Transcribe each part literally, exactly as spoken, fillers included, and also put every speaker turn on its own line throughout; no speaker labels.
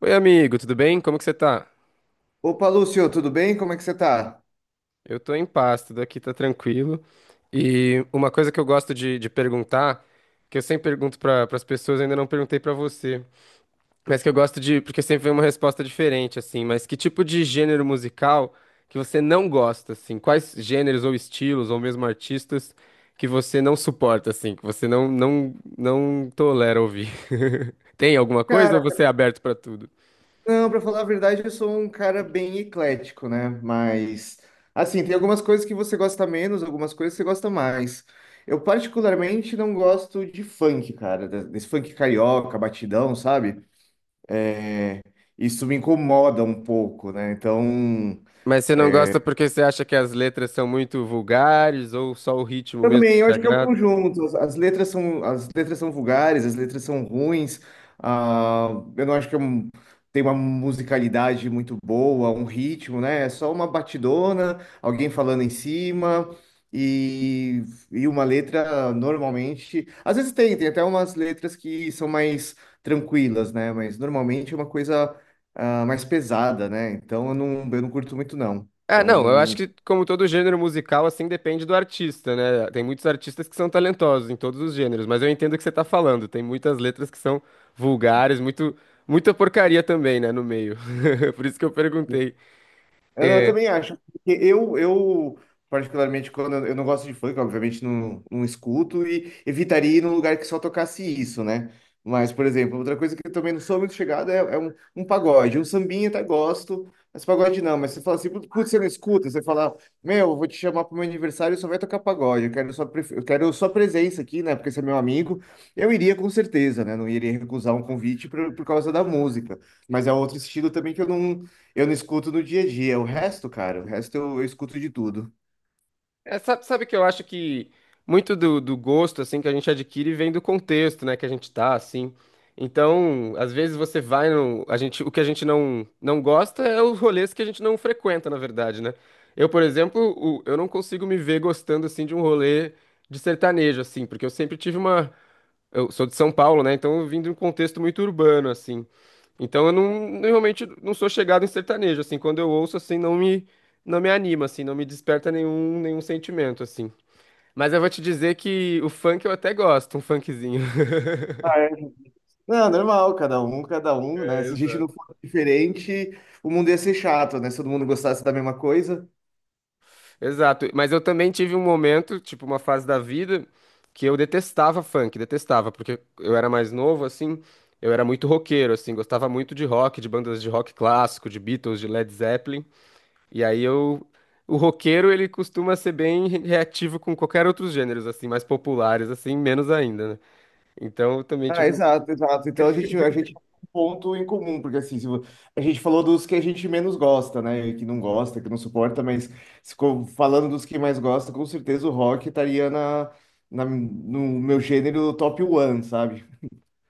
Oi, amigo, tudo bem? Como que você tá?
Opa, Lúcio, tudo bem? Como é que você tá?
Eu tô em paz, tudo aqui tá tranquilo. E uma coisa que eu gosto de, de perguntar, que eu sempre pergunto para as pessoas, eu ainda não perguntei pra você, mas que eu gosto de, porque sempre vem uma resposta diferente, assim, mas que tipo de gênero musical que você não gosta, assim? Quais gêneros ou estilos, ou mesmo artistas, que você não suporta, assim, que você não, não, não tolera ouvir? Tem alguma coisa ou
Cara,
você é aberto pra tudo?
não, pra falar a verdade, eu sou um cara bem eclético, né? Mas, assim, tem algumas coisas que você gosta menos, algumas coisas que você gosta mais. Eu particularmente não gosto de funk, cara, de- desse funk carioca, batidão, sabe? É, isso me incomoda um pouco, né? Então.
Mas você não gosta porque você acha que as letras são muito vulgares ou só o ritmo mesmo
Também, eu
te
acho que é o
agrada?
conjunto. As, as letras são, as letras são vulgares, as letras são ruins. ah, eu não acho que é um- tem uma musicalidade muito boa, um ritmo, né? É só uma batidona, alguém falando em cima e, e uma letra normalmente. Às vezes tem, tem até umas letras que são mais tranquilas, né? Mas normalmente é uma coisa ah, mais pesada, né? Então eu não, eu não curto muito, não.
Ah, não, eu acho
Então.
que como todo gênero musical, assim, depende do artista, né? Tem muitos artistas que são talentosos em todos os gêneros, mas eu entendo o que você tá falando. Tem muitas letras que são vulgares, muito, muita porcaria também, né, no meio. Por isso que eu perguntei.
Eu, eu
É.
também acho. Porque Eu, eu, particularmente, quando eu eu não gosto de funk, obviamente não, não escuto e evitaria ir num lugar que só tocasse isso, né? Mas, por exemplo, outra coisa que eu também não sou muito chegado é, é um, um pagode. Um sambinha até gosto, mas pagode não. Mas você fala assim, putz, você não escuta? Você fala, meu, eu vou te chamar pro meu aniversário e só vai tocar pagode. Eu quero sua, pref- eu quero sua presença aqui, né? Porque você é meu amigo. Eu iria com certeza, né? Não iria recusar um convite por, por causa da música. Mas é outro estilo também que eu não. Eu não escuto no dia a dia. O resto, cara, o resto eu, eu escuto de tudo.
É, sabe, sabe que eu acho que muito do, do gosto assim que a gente adquire vem do contexto, né, que a gente tá assim. Então, às vezes você vai no, a gente, o que a gente não não gosta é os rolês que a gente não frequenta, na verdade, né? Eu, por exemplo, o- eu não consigo me ver gostando assim de um rolê de sertanejo assim, porque eu sempre tive uma, eu sou de São Paulo, né? Então eu vim de um contexto muito urbano assim. Então eu não, realmente não sou chegado em sertanejo, assim, quando eu ouço, assim, não me, não me anima, assim, não me desperta nenhum, nenhum sentimento, assim. Mas eu vou te dizer que o funk eu até gosto, um funkzinho.
Ah, é. Não, normal, cada um, cada um, né?
É,
Se a gente
exato.
não fosse diferente, o mundo ia ser chato, né? Se todo mundo gostasse da mesma coisa.
Exato, mas eu também tive um momento, tipo, uma fase da vida que eu detestava funk, detestava, porque eu era mais novo, assim, eu era muito roqueiro, assim, gostava muito de rock, de bandas de rock clássico, de Beatles, de Led Zeppelin. E aí eu. O roqueiro, ele costuma ser bem re- reativo com qualquer outros gêneros, assim, mais populares, assim, menos ainda, né? Então, eu também,
Ah,
tipo,
exato, exato. Então a gente, a gente tem um ponto em comum, porque assim, se vo- a gente falou dos que a gente menos gosta, né? Que não gosta, que não suporta, mas se co- falando dos que mais gosta, com certeza o rock estaria na, na- no meu gênero top one, sabe?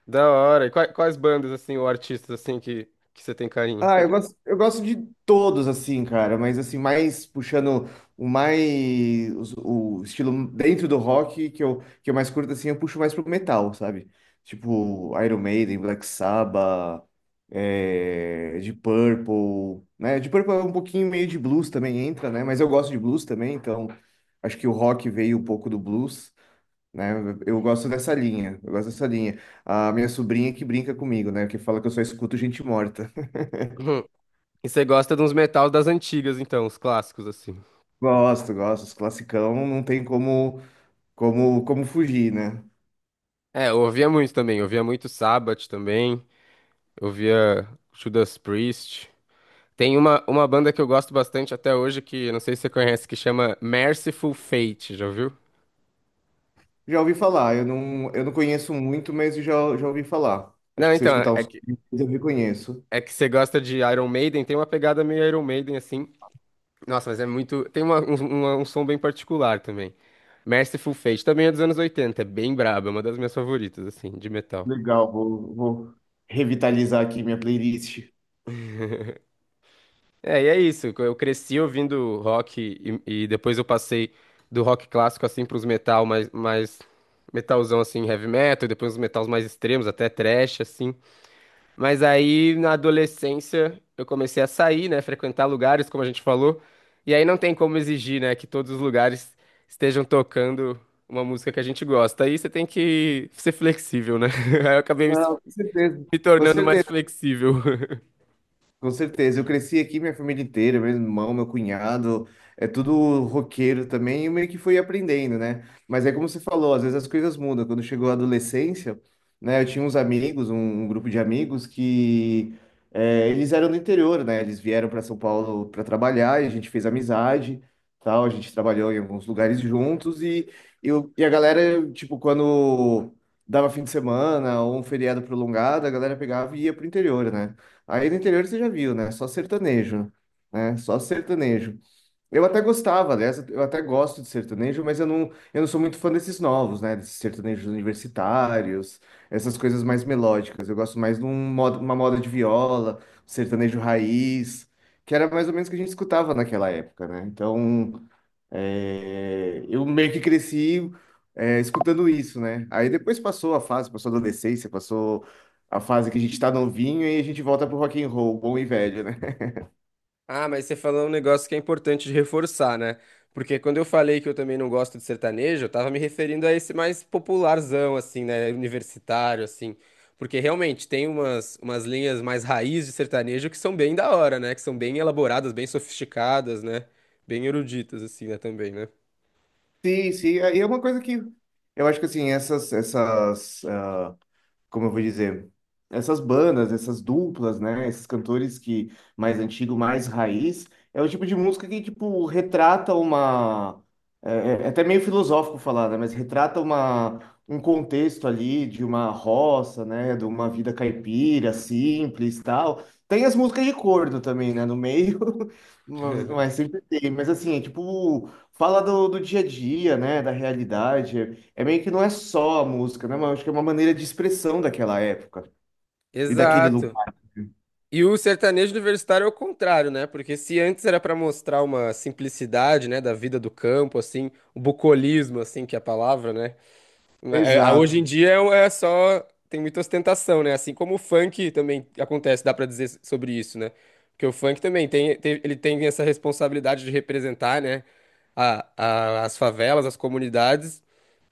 da hora. E quais, quais bandas, assim, ou artistas, assim, que, que você tem carinho?
Ah, eu gosto, eu gosto de todos, assim, cara, mas assim, mais puxando o mais o, o estilo dentro do rock que eu, que eu mais curto, assim, eu puxo mais pro metal, sabe? Tipo, Iron Maiden, Black Sabbath, é, Deep Purple, né? Deep Purple é um pouquinho meio de blues também entra, né? Mas eu gosto de blues também, então acho que o rock veio um pouco do blues. Né? Eu gosto dessa linha, eu gosto dessa linha. A minha sobrinha que brinca comigo, né? Que fala que eu só escuto gente morta.
Uhum. E você gosta de uns metal das antigas, então, os clássicos, assim.
Gosto, gosto. Os classicão não tem como, como, como fugir, né?
É, eu ouvia muito também. Eu ouvia muito Sabbath também. Eu ouvia Judas Priest. Tem uma, uma banda que eu gosto bastante até hoje, que não sei se você conhece, que chama Merciful Fate, já ouviu?
Já ouvi falar, eu não, eu não conheço muito, mas eu já, já ouvi falar. Acho
Não,
que se eu
então,
escutar
é
uns
que
pouquinhos, eu reconheço.
é que você gosta de Iron Maiden, tem uma pegada meio Iron Maiden, assim. Nossa, mas é muito. Tem uma- um, uma- um som bem particular também. Merciful Fate também é dos anos oitenta, é bem braba, é uma das minhas favoritas, assim, de metal.
Legal, vou, vou revitalizar aqui minha playlist.
É, e é isso. Eu cresci ouvindo rock e, e depois eu passei do rock clássico, assim, pros metal mais, mais metalzão, assim, heavy metal, depois os metals mais extremos, até thrash, assim. Mas aí, na adolescência, eu comecei a sair, né? Frequentar lugares, como a gente falou. E aí não tem como exigir, né? Que todos os lugares estejam tocando uma música que a gente gosta. Aí você tem que ser flexível, né? Aí eu acabei me,
Não, com certeza.
Me
Com
tornando mais
certeza.
flexível.
Com certeza, eu cresci aqui, minha família inteira, meu irmão, meu cunhado, é tudo roqueiro também, e eu meio que fui aprendendo, né? Mas é como você falou, às vezes as coisas mudam. Quando chegou a adolescência, né, eu tinha uns amigos, um, um grupo de amigos que é, eles eram do interior, né? Eles vieram para São Paulo para trabalhar, e a gente fez amizade, tal, a gente trabalhou em alguns lugares juntos, e, eu, e a galera, tipo, quando dava fim de semana ou um feriado prolongado, a galera pegava e ia pro interior, né? Aí no interior você já viu, né? Só sertanejo, né? Só sertanejo. Eu até gostava, aliás, eu até gosto de sertanejo, mas eu não, eu não sou muito fã desses novos, né? Desses sertanejos universitários, essas coisas mais melódicas. Eu gosto mais de um modo- uma moda de viola, sertanejo raiz, que era mais ou menos o que a gente escutava naquela época, né? Então, é, eu meio que cresci é, escutando isso, né? Aí depois passou a fase, passou a adolescência, passou a fase que a gente tá novinho e a gente volta pro rock and roll, bom e velho, né?
Ah, mas você falou um negócio que é importante de reforçar, né? Porque quando eu falei que eu também não gosto de sertanejo, eu tava me referindo a esse mais popularzão, assim, né? Universitário, assim. Porque realmente tem umas, umas linhas mais raiz de sertanejo que são bem da hora, né? Que são bem elaboradas, bem sofisticadas, né? Bem eruditas, assim, né? Também, né?
Sim, sim. Aí é uma coisa que eu acho que assim, essas, essas ah, como eu vou dizer, essas bandas, essas duplas, né? Esses cantores que mais antigo, mais raiz, é o tipo de música que, tipo, retrata uma. É, é é até meio filosófico falar, né? Mas retrata uma, um contexto ali de uma roça, né? De uma vida caipira, simples, tal. Tem as músicas de corno também, né? No meio, mas mas sempre tem. Mas assim, é tipo, fala do, do dia a dia, né? Da realidade. É, é meio que não é só a música, né? Mas acho que é uma maneira de expressão daquela época e daquele
Exato.
lugar.
E o sertanejo universitário é o contrário, né? Porque se antes era pra mostrar uma simplicidade, né, da vida do campo, assim, o bucolismo, assim, que é a palavra, né? Na- É, a- hoje em
Exato,
dia é é só. Tem muita ostentação, né? Assim como o funk também acontece, dá pra dizer s- sobre isso, né? Porque o funk também tem, tem- ele tem essa responsabilidade de representar, né? A, a- as favelas, as comunidades.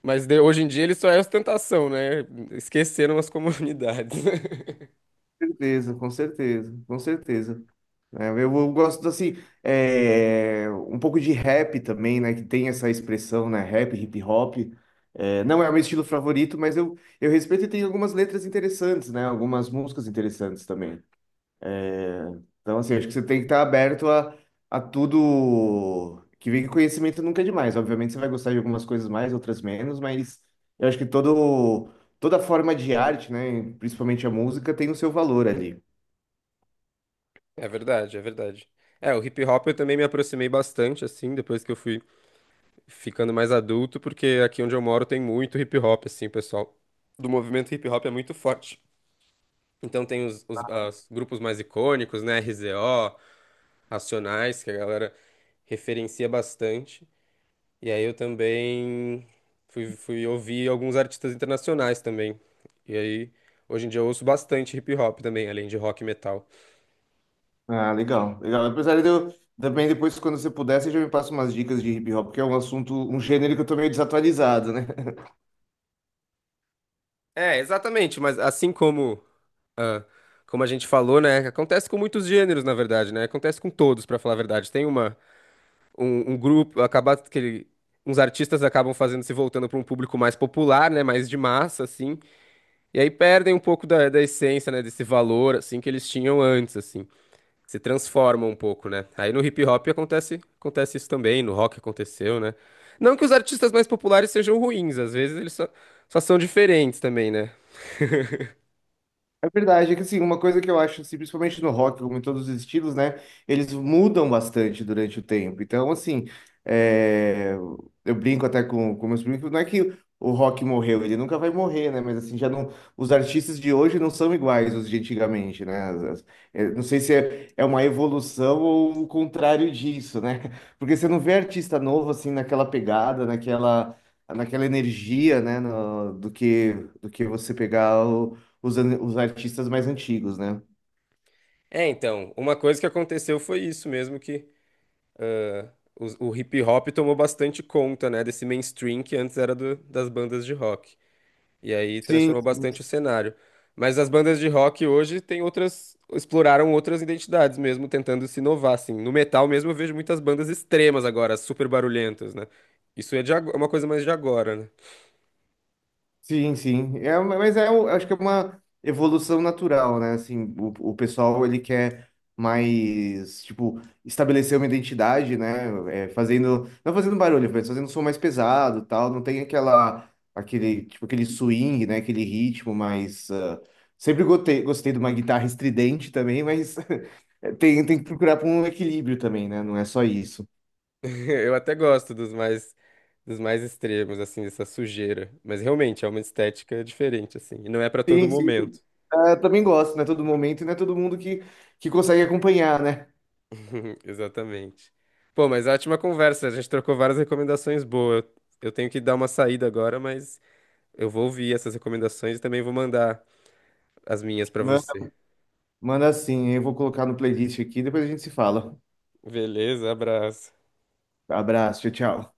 Mas de- hoje em dia ele só é ostentação, né? Esqueceram as comunidades.
com certeza, com certeza, com certeza. É, eu, eu gosto assim, é, um pouco de rap também, né? Que tem essa expressão, né? Rap, hip hop. É, não é o meu estilo favorito, mas eu, eu respeito e tem algumas letras interessantes, né? Algumas músicas interessantes também. Então, assim, acho que você tem que estar aberto a, a tudo que vem que conhecimento nunca é demais. Obviamente, você vai gostar de algumas coisas mais, outras menos, mas eu acho que todo, toda forma de arte, né, principalmente a música, tem o seu valor ali.
É verdade, é verdade. É, o hip hop eu também me aproximei bastante, assim, depois que eu fui ficando mais adulto, porque aqui onde eu moro tem muito hip hop, assim, o pessoal. Do movimento hip hop é muito forte. Então tem os, os as grupos mais icônicos, né? R Z O, Racionais, que a galera referencia bastante. E aí eu também fui, fui ouvir alguns artistas internacionais também. E aí hoje em dia eu ouço bastante hip hop também, além de rock e metal.
Ah, legal, legal. Apesar de eu também depois, quando você puder, você já me passa umas dicas de hip hop, que é um assunto, um gênero que eu tô meio desatualizado, né?
É, exatamente, mas assim como, ah, como a gente falou, né? Acontece com muitos gêneros, na verdade, né? Acontece com todos, pra falar a verdade. Tem uma. um, um grupo, acaba que ele- uns artistas acabam fazendo se voltando para um público mais popular, né, mais de massa, assim, e aí perdem um pouco da, da essência, né, desse valor, assim, que eles tinham antes, assim, se transformam um pouco, né. Aí no hip hop acontece, acontece isso também, no rock aconteceu, né. Não que os artistas mais populares sejam ruins, às vezes eles só, só são diferentes também, né.
É verdade, é que assim, uma coisa que eu acho, assim, principalmente no rock, como em todos os estilos, né, eles mudam bastante durante o tempo. Então, assim, é, eu brinco até com, com meus primos, não é que o rock morreu, ele nunca vai morrer, né, mas assim, já não, os artistas de hoje não são iguais os de antigamente, né, As- as- é, não sei se é, é uma evolução ou o contrário disso, né, porque você não vê artista novo, assim, naquela pegada, naquela, naquela energia, né, no- do que, do que você pegar o os, an- os artistas mais antigos, né?
É, então, uma coisa que aconteceu foi isso mesmo que os- o hip hop tomou bastante conta, né, desse mainstream que antes era do- das bandas de rock. E aí
Sim,
transformou bastante o cenário. Mas as bandas de rock hoje têm outras, exploraram outras identidades mesmo, tentando se inovar, assim. No metal mesmo eu vejo muitas bandas extremas agora, super barulhentas, né? Isso é de ago- é uma coisa mais de agora, né?
sim, sim. É, uma- mas é, eu acho que é uma evolução natural, né? Assim, o, o pessoal ele quer mais, tipo, estabelecer uma identidade, né? É, fazendo, não fazendo barulho, mas fazendo um som mais pesado, e tal. Não tem aquela, aquele, tipo, aquele swing, né? Aquele ritmo mais. Ah, sempre gostei, gostei de uma guitarra estridente também, mas tem, tem que procurar por um equilíbrio também, né? Não é só isso.
Eu até gosto dos mais dos mais extremos, assim, dessa sujeira, mas realmente é uma estética diferente assim, e não é pra todo
Sim, sim.
momento.
Ah, também gosto, né? Todo momento, né? Todo mundo que, que consegue acompanhar, né?
Exatamente. Pô, mas ótima conversa, a gente trocou várias recomendações boas. Eu eu tenho que dar uma saída agora, mas eu vou ouvir essas recomendações e também vou mandar as minhas pra
Manda,
você.
manda sim, eu vou colocar no playlist aqui, depois a gente se fala.
Beleza, abraço.
Abraço, tchau, tchau.